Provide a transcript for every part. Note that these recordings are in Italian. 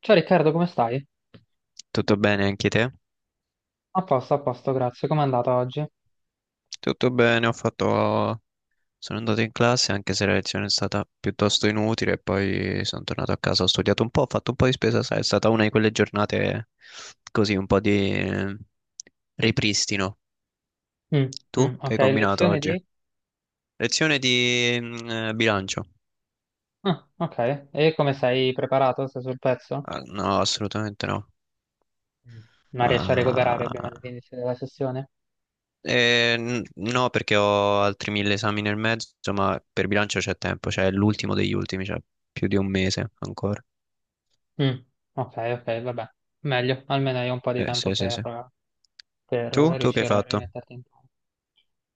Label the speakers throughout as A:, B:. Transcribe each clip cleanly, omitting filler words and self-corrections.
A: Ciao Riccardo, come stai?
B: Tutto bene, anche te?
A: A posto, grazie. Com'è andata oggi?
B: Tutto bene. Sono andato in classe anche se la lezione è stata piuttosto inutile, e poi sono tornato a casa, ho studiato un po', ho fatto un po' di spesa, sai, è stata una di quelle giornate così, un po' di ripristino.
A: Mm,
B: Tu che
A: ok,
B: hai combinato
A: lezione
B: oggi?
A: di.
B: Lezione di bilancio?
A: Ah, ok. E come sei preparato? Sei sul pezzo?
B: Ah, no, assolutamente no.
A: Mm. Ma riesci a recuperare prima
B: Ah,
A: dell'inizio della sessione?
B: eh, no, perché ho altri mille esami nel mezzo, ma per bilancio c'è tempo, cioè è l'ultimo degli ultimi, cioè più di un mese ancora.
A: Mm, ok, ok, vabbè. Meglio, almeno hai un po' di tempo
B: Sì, sì,
A: per,
B: sì.
A: per
B: Tu? Tu che hai
A: riuscire a
B: fatto?
A: rimetterti in campo.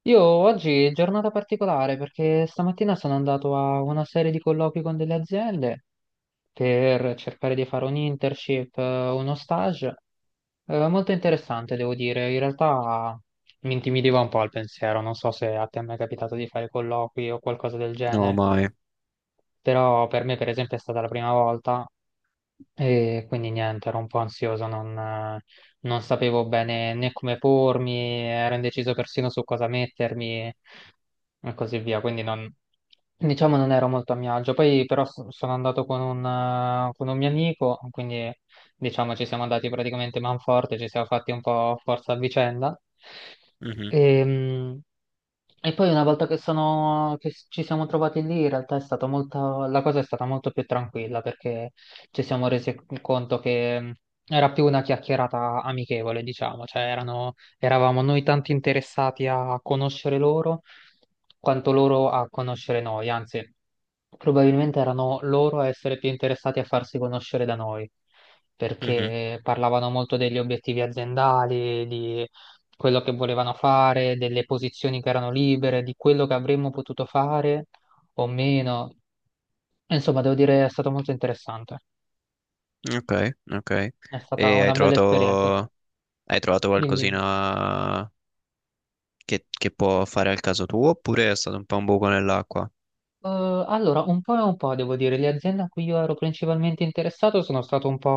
A: Io oggi è giornata particolare perché stamattina sono andato a una serie di colloqui con delle aziende per cercare di fare un internship, uno stage. Molto interessante, devo dire. In realtà mi intimidiva un po' il pensiero. Non so se a te è mai capitato di fare colloqui o qualcosa del
B: No,
A: genere,
B: mai.
A: però per me, per esempio, è stata la prima volta e quindi niente, ero un po' ansioso, non sapevo bene né come pormi, ero indeciso persino su cosa mettermi e così via. Quindi non. Diciamo non ero molto a mio agio, poi però sono andato con un, mio amico, quindi diciamo ci siamo andati praticamente manforte, ci siamo fatti un po' forza a vicenda.
B: Mhm,
A: Ehm, e poi una volta che ci siamo trovati lì, in realtà è stato molto, la cosa è stata molto più tranquilla perché ci siamo resi conto che era più una chiacchierata amichevole, diciamo, cioè eravamo noi tanto interessati a conoscere loro quanto loro a conoscere noi, anzi, probabilmente erano loro a essere più interessati a farsi conoscere da noi
B: mhm.
A: perché parlavano molto degli obiettivi aziendali, di quello che volevano fare, delle posizioni che erano libere, di quello che avremmo potuto fare o meno. Insomma, devo dire, è stato molto interessante.
B: Ok, ok.
A: È stata
B: E hai
A: una bella
B: trovato,
A: esperienza.
B: hai trovato
A: Dimmi, dimmi.
B: qualcosina che può fare al caso tuo, oppure è stato un po' un buco nell'acqua?
A: Allora, un po' e un po', devo dire, le aziende a cui io ero principalmente interessato sono stato un po'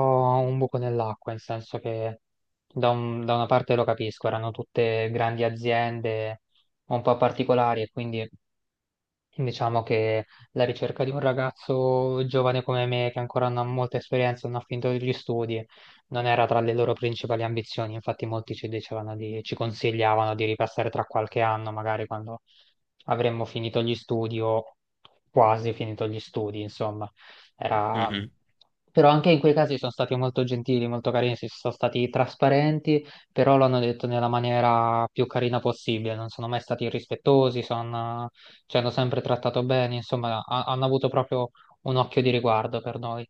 A: un buco nell'acqua, nel senso che da, da una parte lo capisco, erano tutte grandi aziende un po' particolari e quindi diciamo che la ricerca di un ragazzo giovane come me, che ancora non ha molta esperienza, non ha finito gli studi, non era tra le loro principali ambizioni. Infatti, molti ci dicevano di, ci consigliavano di ripassare tra qualche anno, magari quando avremmo finito gli studi o quasi finito gli studi, insomma. Era.
B: Mhm,
A: Però anche in quei casi sono stati molto gentili, molto carini, si sono stati trasparenti, però l'hanno detto nella maniera più carina possibile, non sono mai stati irrispettosi, sono ci hanno sempre trattato bene, insomma, hanno avuto proprio un occhio di riguardo per noi.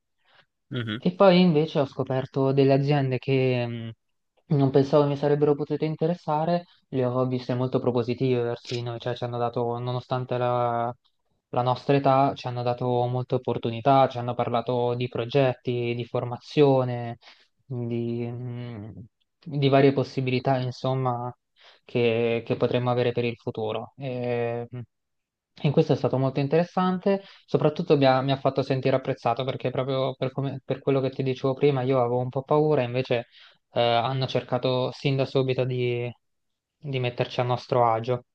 B: mhm,
A: E poi invece ho scoperto delle aziende che non pensavo mi sarebbero potute interessare, le ho viste molto propositive verso di noi, cioè ci hanno dato, nonostante la, la nostra età, ci hanno dato molte opportunità, ci hanno parlato di progetti, di formazione, di, mh, di varie possibilità, insomma, che potremmo avere per il futuro. E, in questo è stato molto interessante, soprattutto mi ha fatto sentire apprezzato perché proprio per quello che ti dicevo prima io avevo un po' paura, invece hanno cercato sin da subito di, metterci a nostro agio.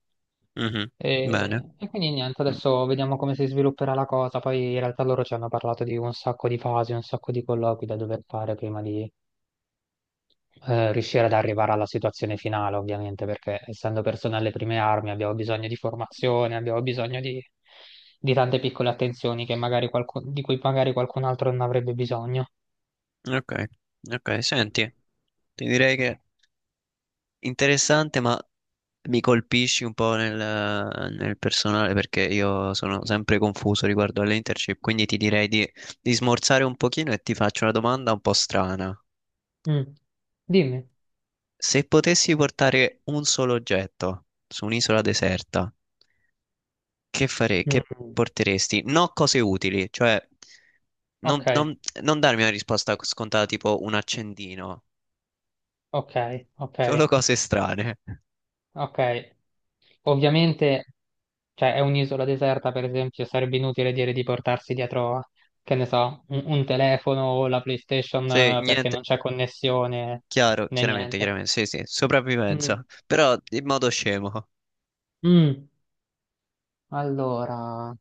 B: mhm. Bene.
A: E quindi niente,
B: Mm,
A: adesso vediamo come si svilupperà la cosa. Poi in realtà loro ci hanno parlato di un sacco di fasi, un sacco di colloqui da dover fare prima di riuscire ad arrivare alla situazione finale, ovviamente, perché essendo persone alle prime armi abbiamo bisogno di formazione, abbiamo bisogno di, tante piccole attenzioni che magari di cui magari qualcun altro non avrebbe bisogno.
B: Ok, ok. Senti, ti direi che interessante, ma mi colpisci un po' nel personale perché io sono sempre confuso riguardo alle internship, quindi ti direi di smorzare un pochino e ti faccio una domanda un po' strana.
A: Mm. Dimmi.
B: Se potessi portare un solo oggetto su un'isola deserta, che
A: Mm.
B: porteresti? No, cose utili, cioè non,
A: Ok,
B: non- non darmi una risposta scontata tipo un accendino,
A: ok, ok,
B: solo cose strane.
A: ok. Ovviamente, cioè, è un'isola deserta, per esempio, sarebbe inutile dire di portarsi dietro, che ne so, un, telefono o la PlayStation
B: Cioè,
A: perché
B: niente,
A: non c'è connessione
B: chiaro,
A: né
B: chiaramente,
A: niente.
B: chiaramente, sì, sì,
A: Mm.
B: sopravvivenza, però in modo scemo.
A: Mm, allora,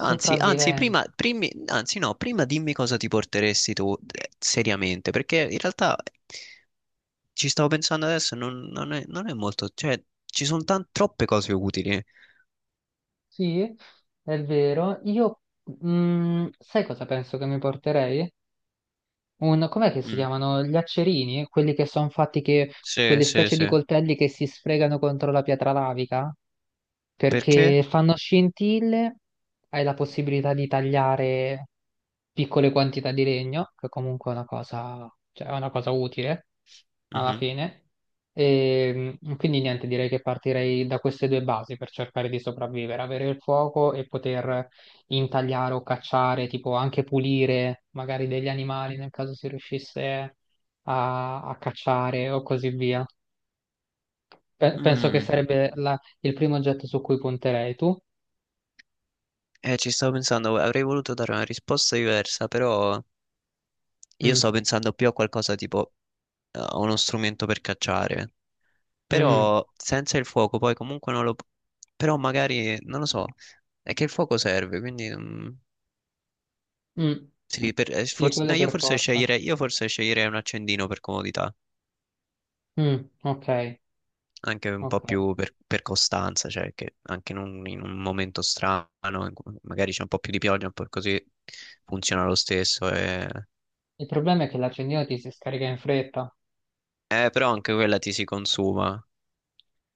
B: Anzi, prima,
A: sopravvivenza.
B: anzi, no, prima dimmi cosa ti porteresti tu, seriamente, perché in realtà ci stavo pensando adesso, non è molto, cioè ci sono troppe cose utili.
A: Sì, è vero. Io, sai cosa penso che mi porterei? Com'è che si
B: Mm.
A: chiamano? Gli accerini? Quelli che sono fatti
B: Sì,
A: quelle
B: sì,
A: specie di
B: sì.
A: coltelli che si sfregano contro la pietra lavica?
B: Perché?
A: Perché fanno scintille, hai la possibilità di tagliare piccole quantità di legno, che comunque è una cosa, cioè, è una cosa utile alla
B: Mhm.
A: fine. E quindi niente, direi che partirei da queste due basi per cercare di sopravvivere, avere il fuoco e poter intagliare o cacciare, tipo anche pulire magari degli animali nel caso si riuscisse a, cacciare o così via. Penso che
B: Mm,
A: sarebbe il primo oggetto su cui punterei tu.
B: eh, ci stavo pensando, avrei voluto dare una risposta diversa, però io
A: Mm,
B: stavo pensando più a qualcosa tipo a uno strumento per cacciare.
A: mm,
B: Però senza il fuoco poi comunque non lo Però magari, non lo so, è che il fuoco serve, quindi
A: mm.
B: sì,
A: Sì,
B: no,
A: quello
B: io
A: per
B: forse
A: forza.
B: sceglierei, un accendino per comodità,
A: Mm, ok,
B: anche un po'
A: ok.
B: più per costanza, cioè che anche in un momento strano, in cui magari c'è un po' più di pioggia, un po' così, funziona lo stesso.
A: Il problema è che l'accendino ti si scarica in fretta.
B: Però anche quella ti si consuma.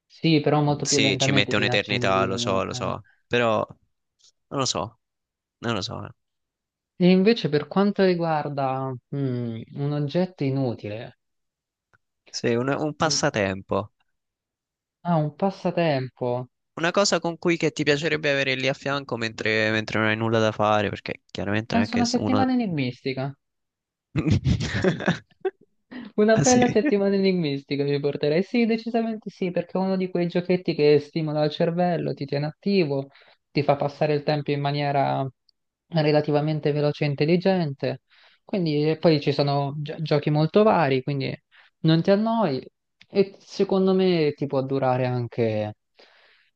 A: Sì, però molto più
B: Sì, ci
A: lentamente
B: mette
A: di un
B: un'eternità,
A: accendino.
B: lo so, però non lo so, non lo so.
A: E invece per quanto riguarda un oggetto inutile,
B: Sì, un
A: mm,
B: passatempo.
A: ah, un passatempo.
B: Una cosa con cui che ti piacerebbe avere lì a fianco mentre non hai nulla da fare, perché chiaramente non è
A: Penso
B: che
A: una
B: se uno...
A: settimana enigmistica. Una
B: Ah sì?
A: bella settimana enigmistica mi porterei? Sì, decisamente sì, perché è uno di quei giochetti che stimola il cervello, ti tiene attivo, ti fa passare il tempo in maniera relativamente veloce e intelligente. Quindi, e poi ci sono giochi molto vari, quindi non ti annoi e secondo me ti può durare anche,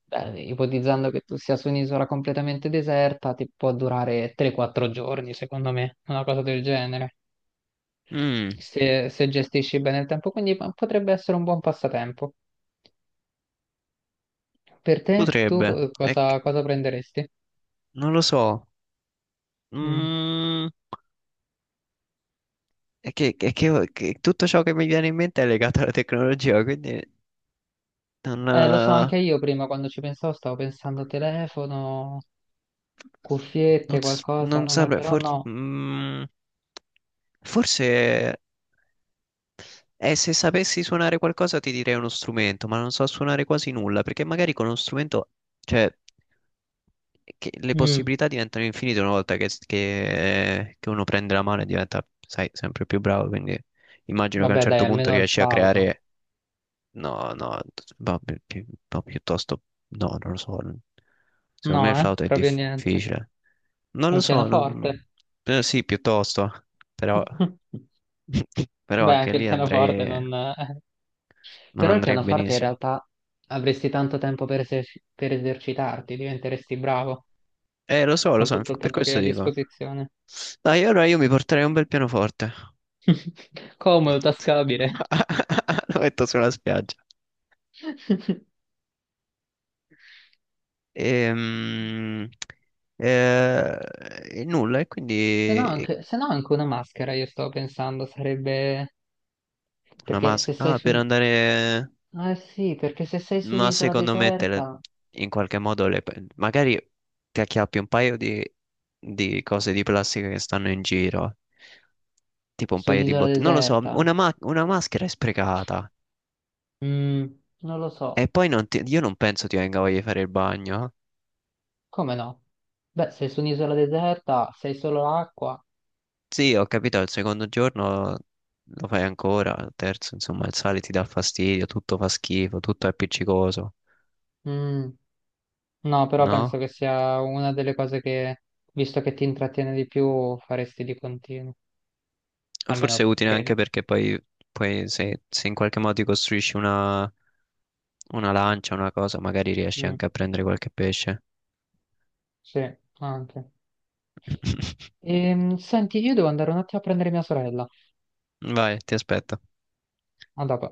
A: beh, ipotizzando che tu sia su un'isola completamente deserta, ti può durare 3-4 giorni, secondo me, una cosa del genere
B: Mm,
A: se, se gestisci bene il tempo, quindi potrebbe essere un buon passatempo. Per te, tu
B: potrebbe,
A: cosa, cosa prenderesti?
B: non lo so.
A: Mm.
B: Mm, che tutto ciò che mi viene in mente è legato alla tecnologia, quindi non,
A: Lo so,
B: eh,
A: anche io prima quando ci pensavo stavo pensando telefono,
B: non,
A: cuffiette,
B: s- non
A: qualcosa, ma
B: saprei,
A: però
B: forse,
A: no.
B: forse. E se sapessi suonare qualcosa ti direi uno strumento, ma non so suonare quasi nulla, perché magari con uno strumento, cioè, che le
A: Mm.
B: possibilità diventano infinite una volta che uno prende la mano e diventa, sai, sempre più bravo, quindi immagino che a un
A: Vabbè, dai,
B: certo punto
A: almeno il
B: riesci a
A: flauto.
B: creare, no, no, ma piuttosto, no, non lo so, secondo me il
A: No,
B: flauto è
A: proprio niente.
B: difficile, non lo
A: Un
B: so,
A: pianoforte.
B: sì, piuttosto, però, però
A: Beh,
B: anche
A: anche il
B: lì
A: pianoforte
B: andrei,
A: non.
B: non
A: Però il
B: andrei
A: pianoforte in
B: benissimo.
A: realtà avresti tanto tempo per esercitarti, diventeresti bravo.
B: Lo
A: Con
B: so,
A: tutto il
B: per
A: tempo che hai
B: questo
A: a
B: dico.
A: disposizione.
B: Dai, allora io mi porterei un bel pianoforte.
A: Comodo, tascabile.
B: Lo metto sulla spiaggia. Ehm, eh, E, nulla, e
A: Se no
B: quindi
A: anche, se no anche una maschera, io sto pensando, sarebbe.
B: una
A: Perché se
B: maschera.
A: sei
B: Ah, per andare...
A: ah sì, perché se sei su
B: Ma
A: un'isola
B: secondo me
A: deserta.
B: in qualche modo le, magari ti acchiappi un paio di cose di plastica che stanno in giro, tipo un
A: Su
B: paio di
A: un'isola
B: bottiglie. Non lo so,
A: deserta?
B: una, una maschera è sprecata.
A: Mm, Non lo
B: E
A: so.
B: poi non ti- io non penso ti venga voglia di fare il bagno, eh.
A: Come no? Beh, sei su un'isola deserta, sei solo acqua.
B: Sì, ho capito, al secondo giorno lo fai ancora, al terzo, insomma, il sale ti dà fastidio, tutto fa schifo, tutto è appiccicoso,
A: Mm, no, però penso
B: no?
A: che sia una delle cose che, visto che ti intrattiene di più, faresti di continuo.
B: Forse è
A: Almeno
B: utile anche
A: credo.
B: perché poi, poi se in qualche modo ti costruisci una lancia, una cosa, magari riesci
A: Mm.
B: anche a prendere qualche pesce.
A: Sì, anche. Senti, io devo andare un attimo a prendere mia sorella.
B: Vai, ti aspetto.
A: A dopo.